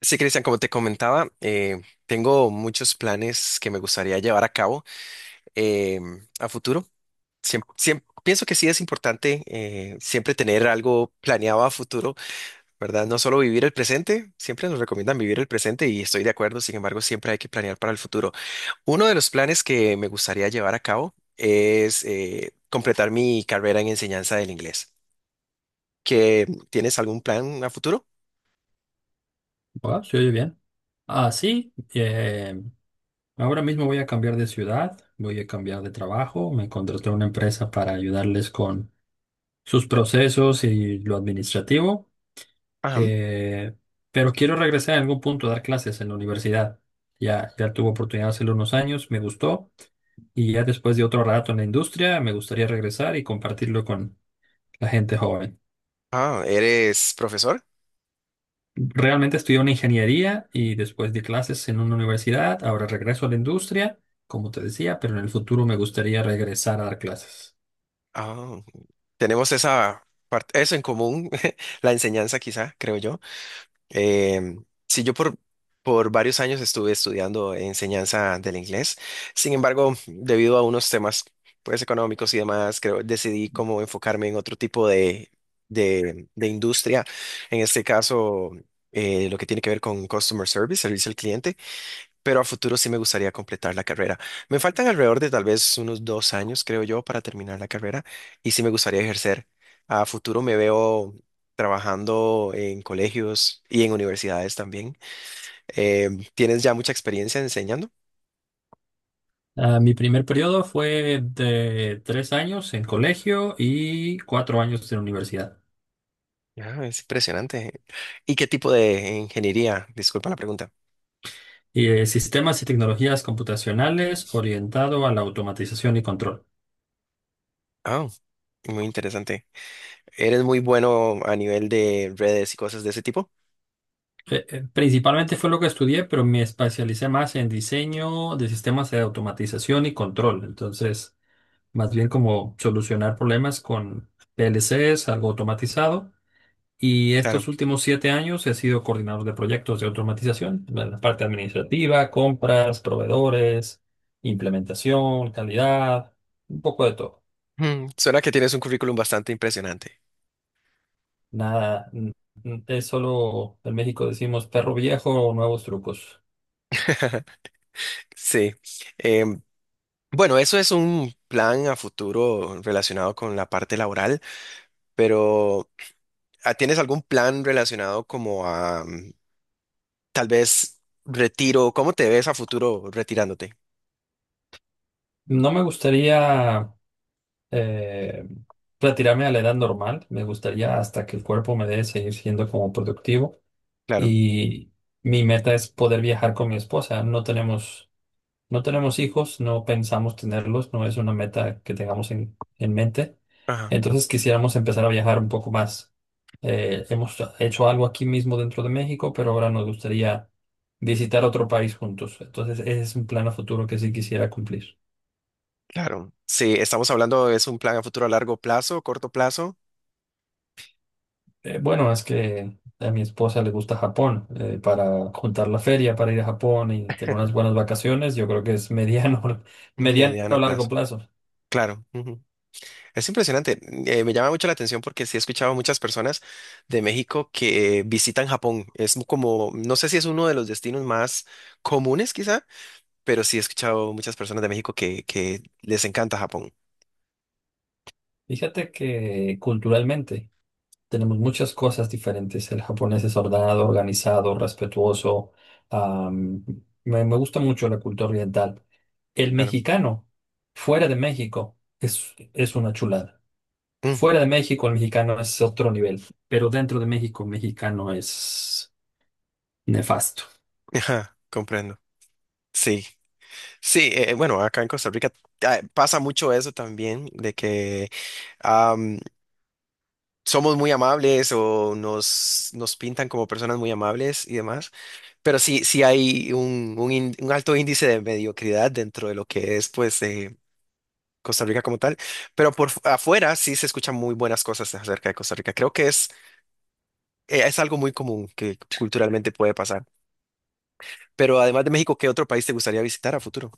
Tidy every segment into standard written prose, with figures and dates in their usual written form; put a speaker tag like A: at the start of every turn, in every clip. A: Sí, Cristian, como te comentaba, tengo muchos planes que me gustaría llevar a cabo eh, a futuro. Pienso que sí es importante siempre tener algo planeado a futuro, ¿verdad? No solo vivir el presente, siempre nos recomiendan vivir el presente y estoy de acuerdo, sin embargo, siempre hay que planear para el futuro. Uno de los planes que me gustaría llevar a cabo es completar mi carrera en enseñanza del inglés. ¿Que tienes algún plan a futuro?
B: Ah, se oye bien. Ah, sí. Ahora mismo voy a cambiar de ciudad, voy a cambiar de trabajo. Me contraté una empresa para ayudarles con sus procesos y lo administrativo.
A: Ajá.
B: eh, pero quiero regresar en algún punto a dar clases en la universidad. Ya tuve oportunidad hace unos años, me gustó. Y ya después de otro rato en la industria, me gustaría regresar y compartirlo con la gente joven.
A: Ah, ¿eres profesor?
B: Realmente estudié una ingeniería y después di clases en una universidad. Ahora regreso a la industria, como te decía, pero en el futuro me gustaría regresar a dar clases.
A: Ah. Tenemos esa parte, eso en común, la enseñanza quizá, creo yo. Eh, sí, por varios años estuve estudiando enseñanza del inglés. Sin embargo, debido a unos temas pues económicos y demás, creo decidí como enfocarme en otro tipo de, de industria. En este caso, lo que tiene que ver con customer service, servicio al cliente, pero a futuro sí me gustaría completar la carrera. Me faltan alrededor de tal vez unos 2 años, creo yo, para terminar la carrera y sí me gustaría ejercer. A futuro me veo trabajando en colegios y en universidades también. Eh, ¿Tienes ya mucha experiencia enseñando?
B: Ah, mi primer periodo fue de 3 años en colegio y 4 años en universidad.
A: Ah, es impresionante. ¿Y qué tipo de ingeniería? Disculpa la pregunta.
B: Y, sistemas y tecnologías computacionales orientado a la automatización y control.
A: Ah, muy interesante. ¿Eres muy bueno a nivel de redes y cosas de ese tipo?
B: Principalmente fue lo que estudié, pero me especialicé más en diseño de sistemas de automatización y control. Entonces más bien como solucionar problemas con PLCs, algo automatizado. Y estos
A: Claro.
B: últimos 7 años he sido coordinador de proyectos de automatización, en la parte administrativa, compras, proveedores, implementación, calidad, un poco de todo.
A: Mm, suena que tienes un currículum bastante impresionante.
B: Nada, es solo, en México decimos perro viejo, nuevos trucos.
A: Sí. Em, bueno, eso es un plan a futuro relacionado con la parte laboral, pero ah, ¿tienes algún plan relacionado como a tal vez retiro? ¿Cómo te ves a futuro retirándote?
B: No me gustaría eh, retirarme a la edad normal, me gustaría hasta que el cuerpo me dé seguir siendo como productivo.
A: Claro.
B: Y mi meta es poder viajar con mi esposa. No tenemos hijos, no pensamos tenerlos, no es una meta que tengamos en mente.
A: Ajá,
B: Entonces quisiéramos empezar a viajar un poco más. Hemos hecho algo aquí mismo dentro de México, pero ahora nos gustaría visitar otro país juntos. Entonces ese es un plan a futuro que sí quisiera cumplir.
A: claro. Sí, estamos hablando, es un plan a futuro a largo plazo, corto plazo,
B: Bueno, es que a mi esposa le gusta Japón. Para juntar la feria, para ir a Japón y tener unas buenas vacaciones, yo creo que es mediano, mediano a
A: mediano plazo.
B: largo plazo.
A: Claro. Ujú. Es impresionante. Me llama mucho la atención porque sí he escuchado a muchas personas de México que visitan Japón. Es como, no sé si es uno de los destinos más comunes quizá, pero sí he escuchado muchas personas de México que les encanta Japón.
B: Fíjate que culturalmente tenemos muchas cosas diferentes. El japonés es ordenado, organizado, respetuoso. am, me gusta mucho la cultura oriental. El
A: Claro.
B: mexicano, fuera de México, es una chulada.
A: Mm,
B: Fuera de México, el mexicano es otro nivel, pero dentro de México, el mexicano es nefasto.
A: ajá, comprendo. Sí, sí, bueno, acá en Costa Rica ah, pasa mucho eso también, de que am, somos muy amables o nos, nos pintan como personas muy amables y demás, pero sí, sí hay un, un alto índice de mediocridad dentro de lo que es, pues, Costa Rica como tal, pero por afuera sí se escuchan muy buenas cosas acerca de Costa Rica. Creo que es algo muy común que culturalmente puede pasar. Pero además de México, ¿qué otro país te gustaría visitar a futuro?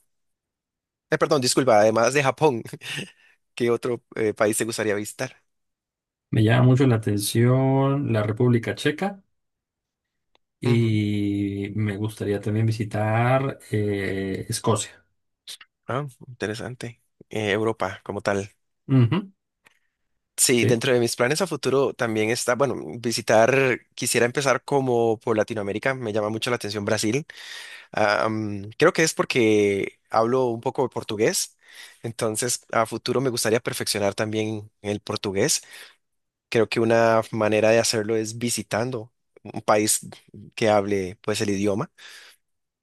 A: Perdón, disculpa, además de Japón, ¿qué otro país te gustaría visitar?
B: Me llama mucho la atención la República Checa
A: Ujú.
B: y me gustaría también visitar Escocia.
A: Ah, interesante. Europa como tal.
B: Ujú,
A: Sí,
B: sí.
A: dentro de mis planes a futuro también está, bueno, visitar, quisiera empezar como por Latinoamérica, me llama mucho la atención Brasil. Ah, mm, creo que es porque hablo un poco de portugués, entonces a futuro me gustaría perfeccionar también el portugués. Creo que una manera de hacerlo es visitando un país que hable pues el idioma.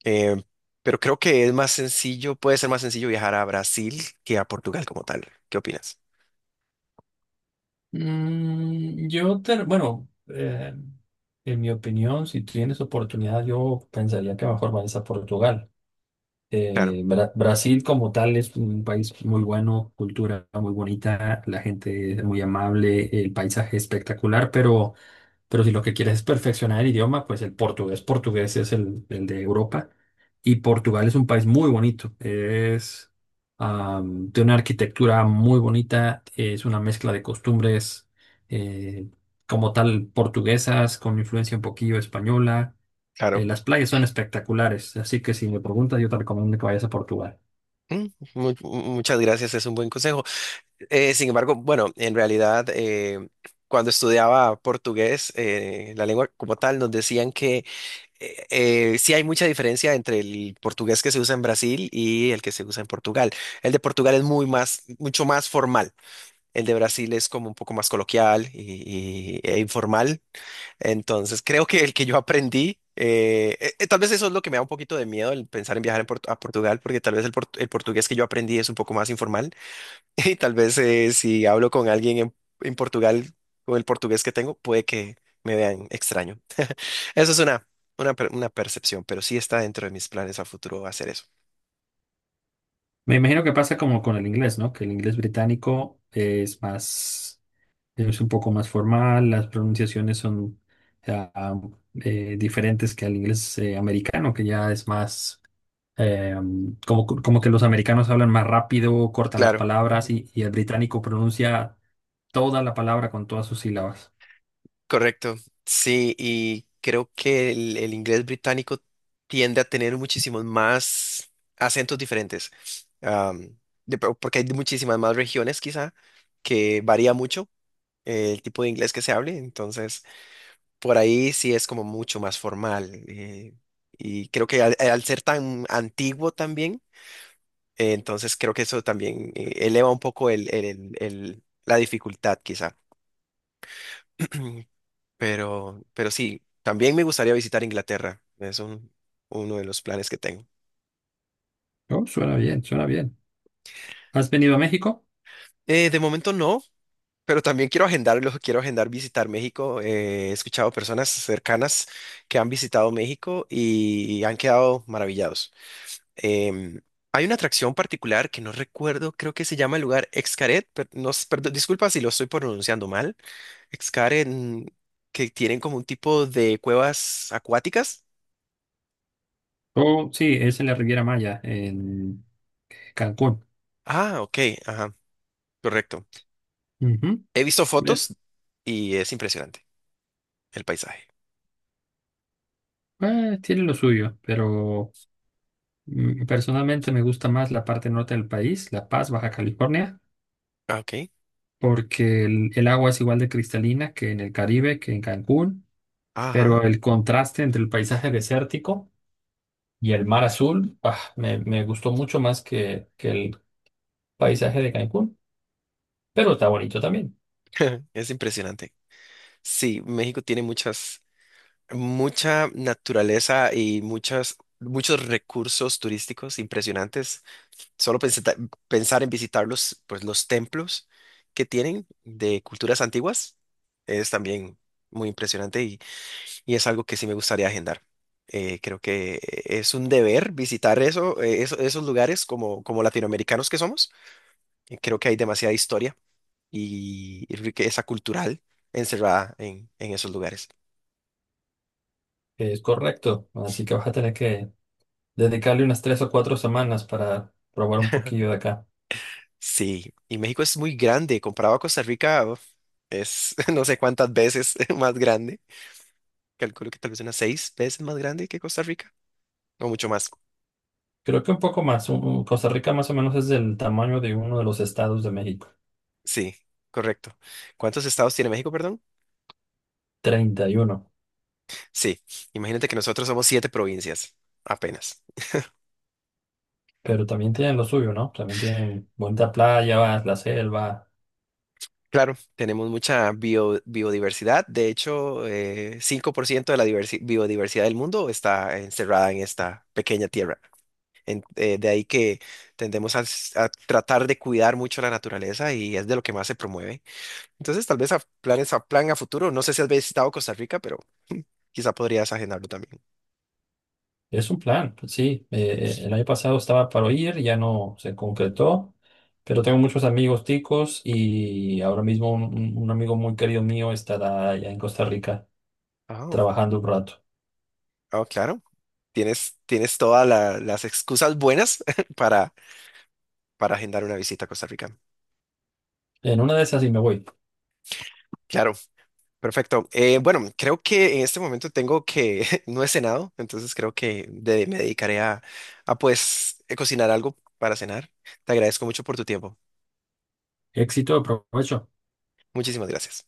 A: Eh, pero creo que es más sencillo, puede ser más sencillo viajar a Brasil que a Portugal como tal. ¿Qué opinas?
B: Mm, yo, bueno, en mi opinión, si tienes oportunidad, yo pensaría que mejor vayas a Portugal.
A: Claro,
B: Brasil como tal es un país muy bueno, cultura muy bonita, la gente es muy amable, el paisaje espectacular, pero si lo que quieres es perfeccionar el idioma, pues el portugués, portugués es el de Europa. Y Portugal es un país muy bonito. Es de una arquitectura muy bonita. Es una mezcla de costumbres eh, como tal portuguesas, con influencia un poquillo española.
A: claro.
B: Las playas son espectaculares. Así que si me preguntas, yo te recomiendo que vayas a Portugal.
A: Mm, muchas gracias, es un buen consejo. Sin embargo, bueno, en realidad, cuando estudiaba portugués, la lengua como tal, nos decían que sí hay mucha diferencia entre el portugués que se usa en Brasil y el que se usa en Portugal. El de Portugal es muy más, mucho más formal. El de Brasil es como un poco más coloquial y, e informal. Entonces, creo que el que yo aprendí, tal vez eso es lo que me da un poquito de miedo el pensar en viajar en a Portugal, porque tal vez el portugués que yo aprendí es un poco más informal. Y tal vez si hablo con alguien en Portugal, con el portugués que tengo, puede que me vean extraño. Eso es una, una percepción, pero sí está dentro de mis planes a futuro hacer eso.
B: Me imagino que pasa como con el inglés, ¿no? Que el inglés británico es más, es un poco más formal, las pronunciaciones son ah, diferentes que al inglés americano, que ya es más eh, como, como que los americanos hablan más rápido, cortan las
A: Claro,
B: palabras
A: ujú,
B: y el británico pronuncia toda la palabra con todas sus sílabas.
A: correcto. Sí, y creo que el inglés británico tiende a tener muchísimos más acentos diferentes, am, porque hay muchísimas más regiones quizá, que varía mucho el tipo de inglés que se hable, entonces por ahí sí es como mucho más formal. Y creo que al ser tan antiguo también entonces creo que eso también eleva un poco la dificultad quizá. Pero sí, también me gustaría visitar Inglaterra. Uno de los planes que tengo.
B: Oh, suena bien, suena bien. ¿Has venido a México?
A: De momento no, pero también quiero agendarlo, quiero agendar visitar México. He escuchado personas cercanas que han visitado México y han quedado maravillados. Em, hay una atracción particular que no recuerdo, creo que se llama el lugar Xcaret, pero no, perdón, disculpa si lo estoy pronunciando mal, excavar en que tienen como un tipo de cuevas acuáticas.
B: Oh, sí, es en la Riviera Maya, en Cancún.
A: Ah, ok, ajá, correcto.
B: Ujú.
A: He visto
B: ¿Ves?
A: fotos y es impresionante el paisaje.
B: Tiene lo suyo, pero mm, personalmente me gusta más la parte norte del país, La Paz, Baja California,
A: Ah, ok,
B: porque el agua es igual de cristalina que en el Caribe, que en Cancún,
A: ajá,
B: pero el contraste entre el paisaje desértico y el mar azul, ah, me gustó mucho más que el paisaje de Cancún, pero está bonito también.
A: es impresionante. Sí, México tiene muchas, mucha naturaleza y muchas, muchos recursos turísticos impresionantes. Solo pensar en visitar los, pues, los templos que tienen de culturas antiguas es también muy impresionante y es algo que sí me gustaría agendar. Creo que es un deber visitar eso, esos lugares como, como latinoamericanos que somos. Creo que hay demasiada historia y riqueza cultural encerrada en esos lugares.
B: Es correcto, así que vas a tener que dedicarle unas 3 o 4 semanas para probar un poquillo de acá.
A: Sí, y México es muy grande, comparado a Costa Rica, uf, es no sé cuántas veces más grande. Calculo que tal vez unas 6 veces más grande que Costa Rica, o mucho más.
B: Creo que un poco más, Costa Rica más o menos es del tamaño de uno de los estados de México.
A: Sí, correcto. ¿Cuántos estados tiene México, perdón?
B: 31.
A: Sí, imagínate que nosotros somos siete provincias, apenas.
B: Pero también tienen lo suyo, ¿no? También tienen bonita playa, la selva.
A: Claro, tenemos mucha biodiversidad. De hecho, 5% de la biodiversidad del mundo está encerrada en esta pequeña tierra. De ahí que tendemos a, a tratar de cuidar mucho la naturaleza y es de lo que más se promueve. Entonces, tal vez a plan a futuro. No sé si has visitado Costa Rica, pero quizá podrías agendarlo también.
B: Es un plan, pues sí. El año pasado estaba para ir, ya no se concretó, pero tengo muchos amigos ticos y ahora mismo un, un amigo muy querido mío estará allá en Costa Rica
A: Ah,
B: trabajando un rato.
A: ah, claro. Tienes, tienes todas las excusas buenas para, para agendar una visita a Costa Rica.
B: En una de esas y me voy.
A: Claro, perfecto. Bueno, creo que en este momento tengo que, no he cenado, entonces creo que me dedicaré a pues cocinar algo para cenar. Te agradezco mucho por tu tiempo.
B: Éxito, provecho.
A: Muchísimas gracias.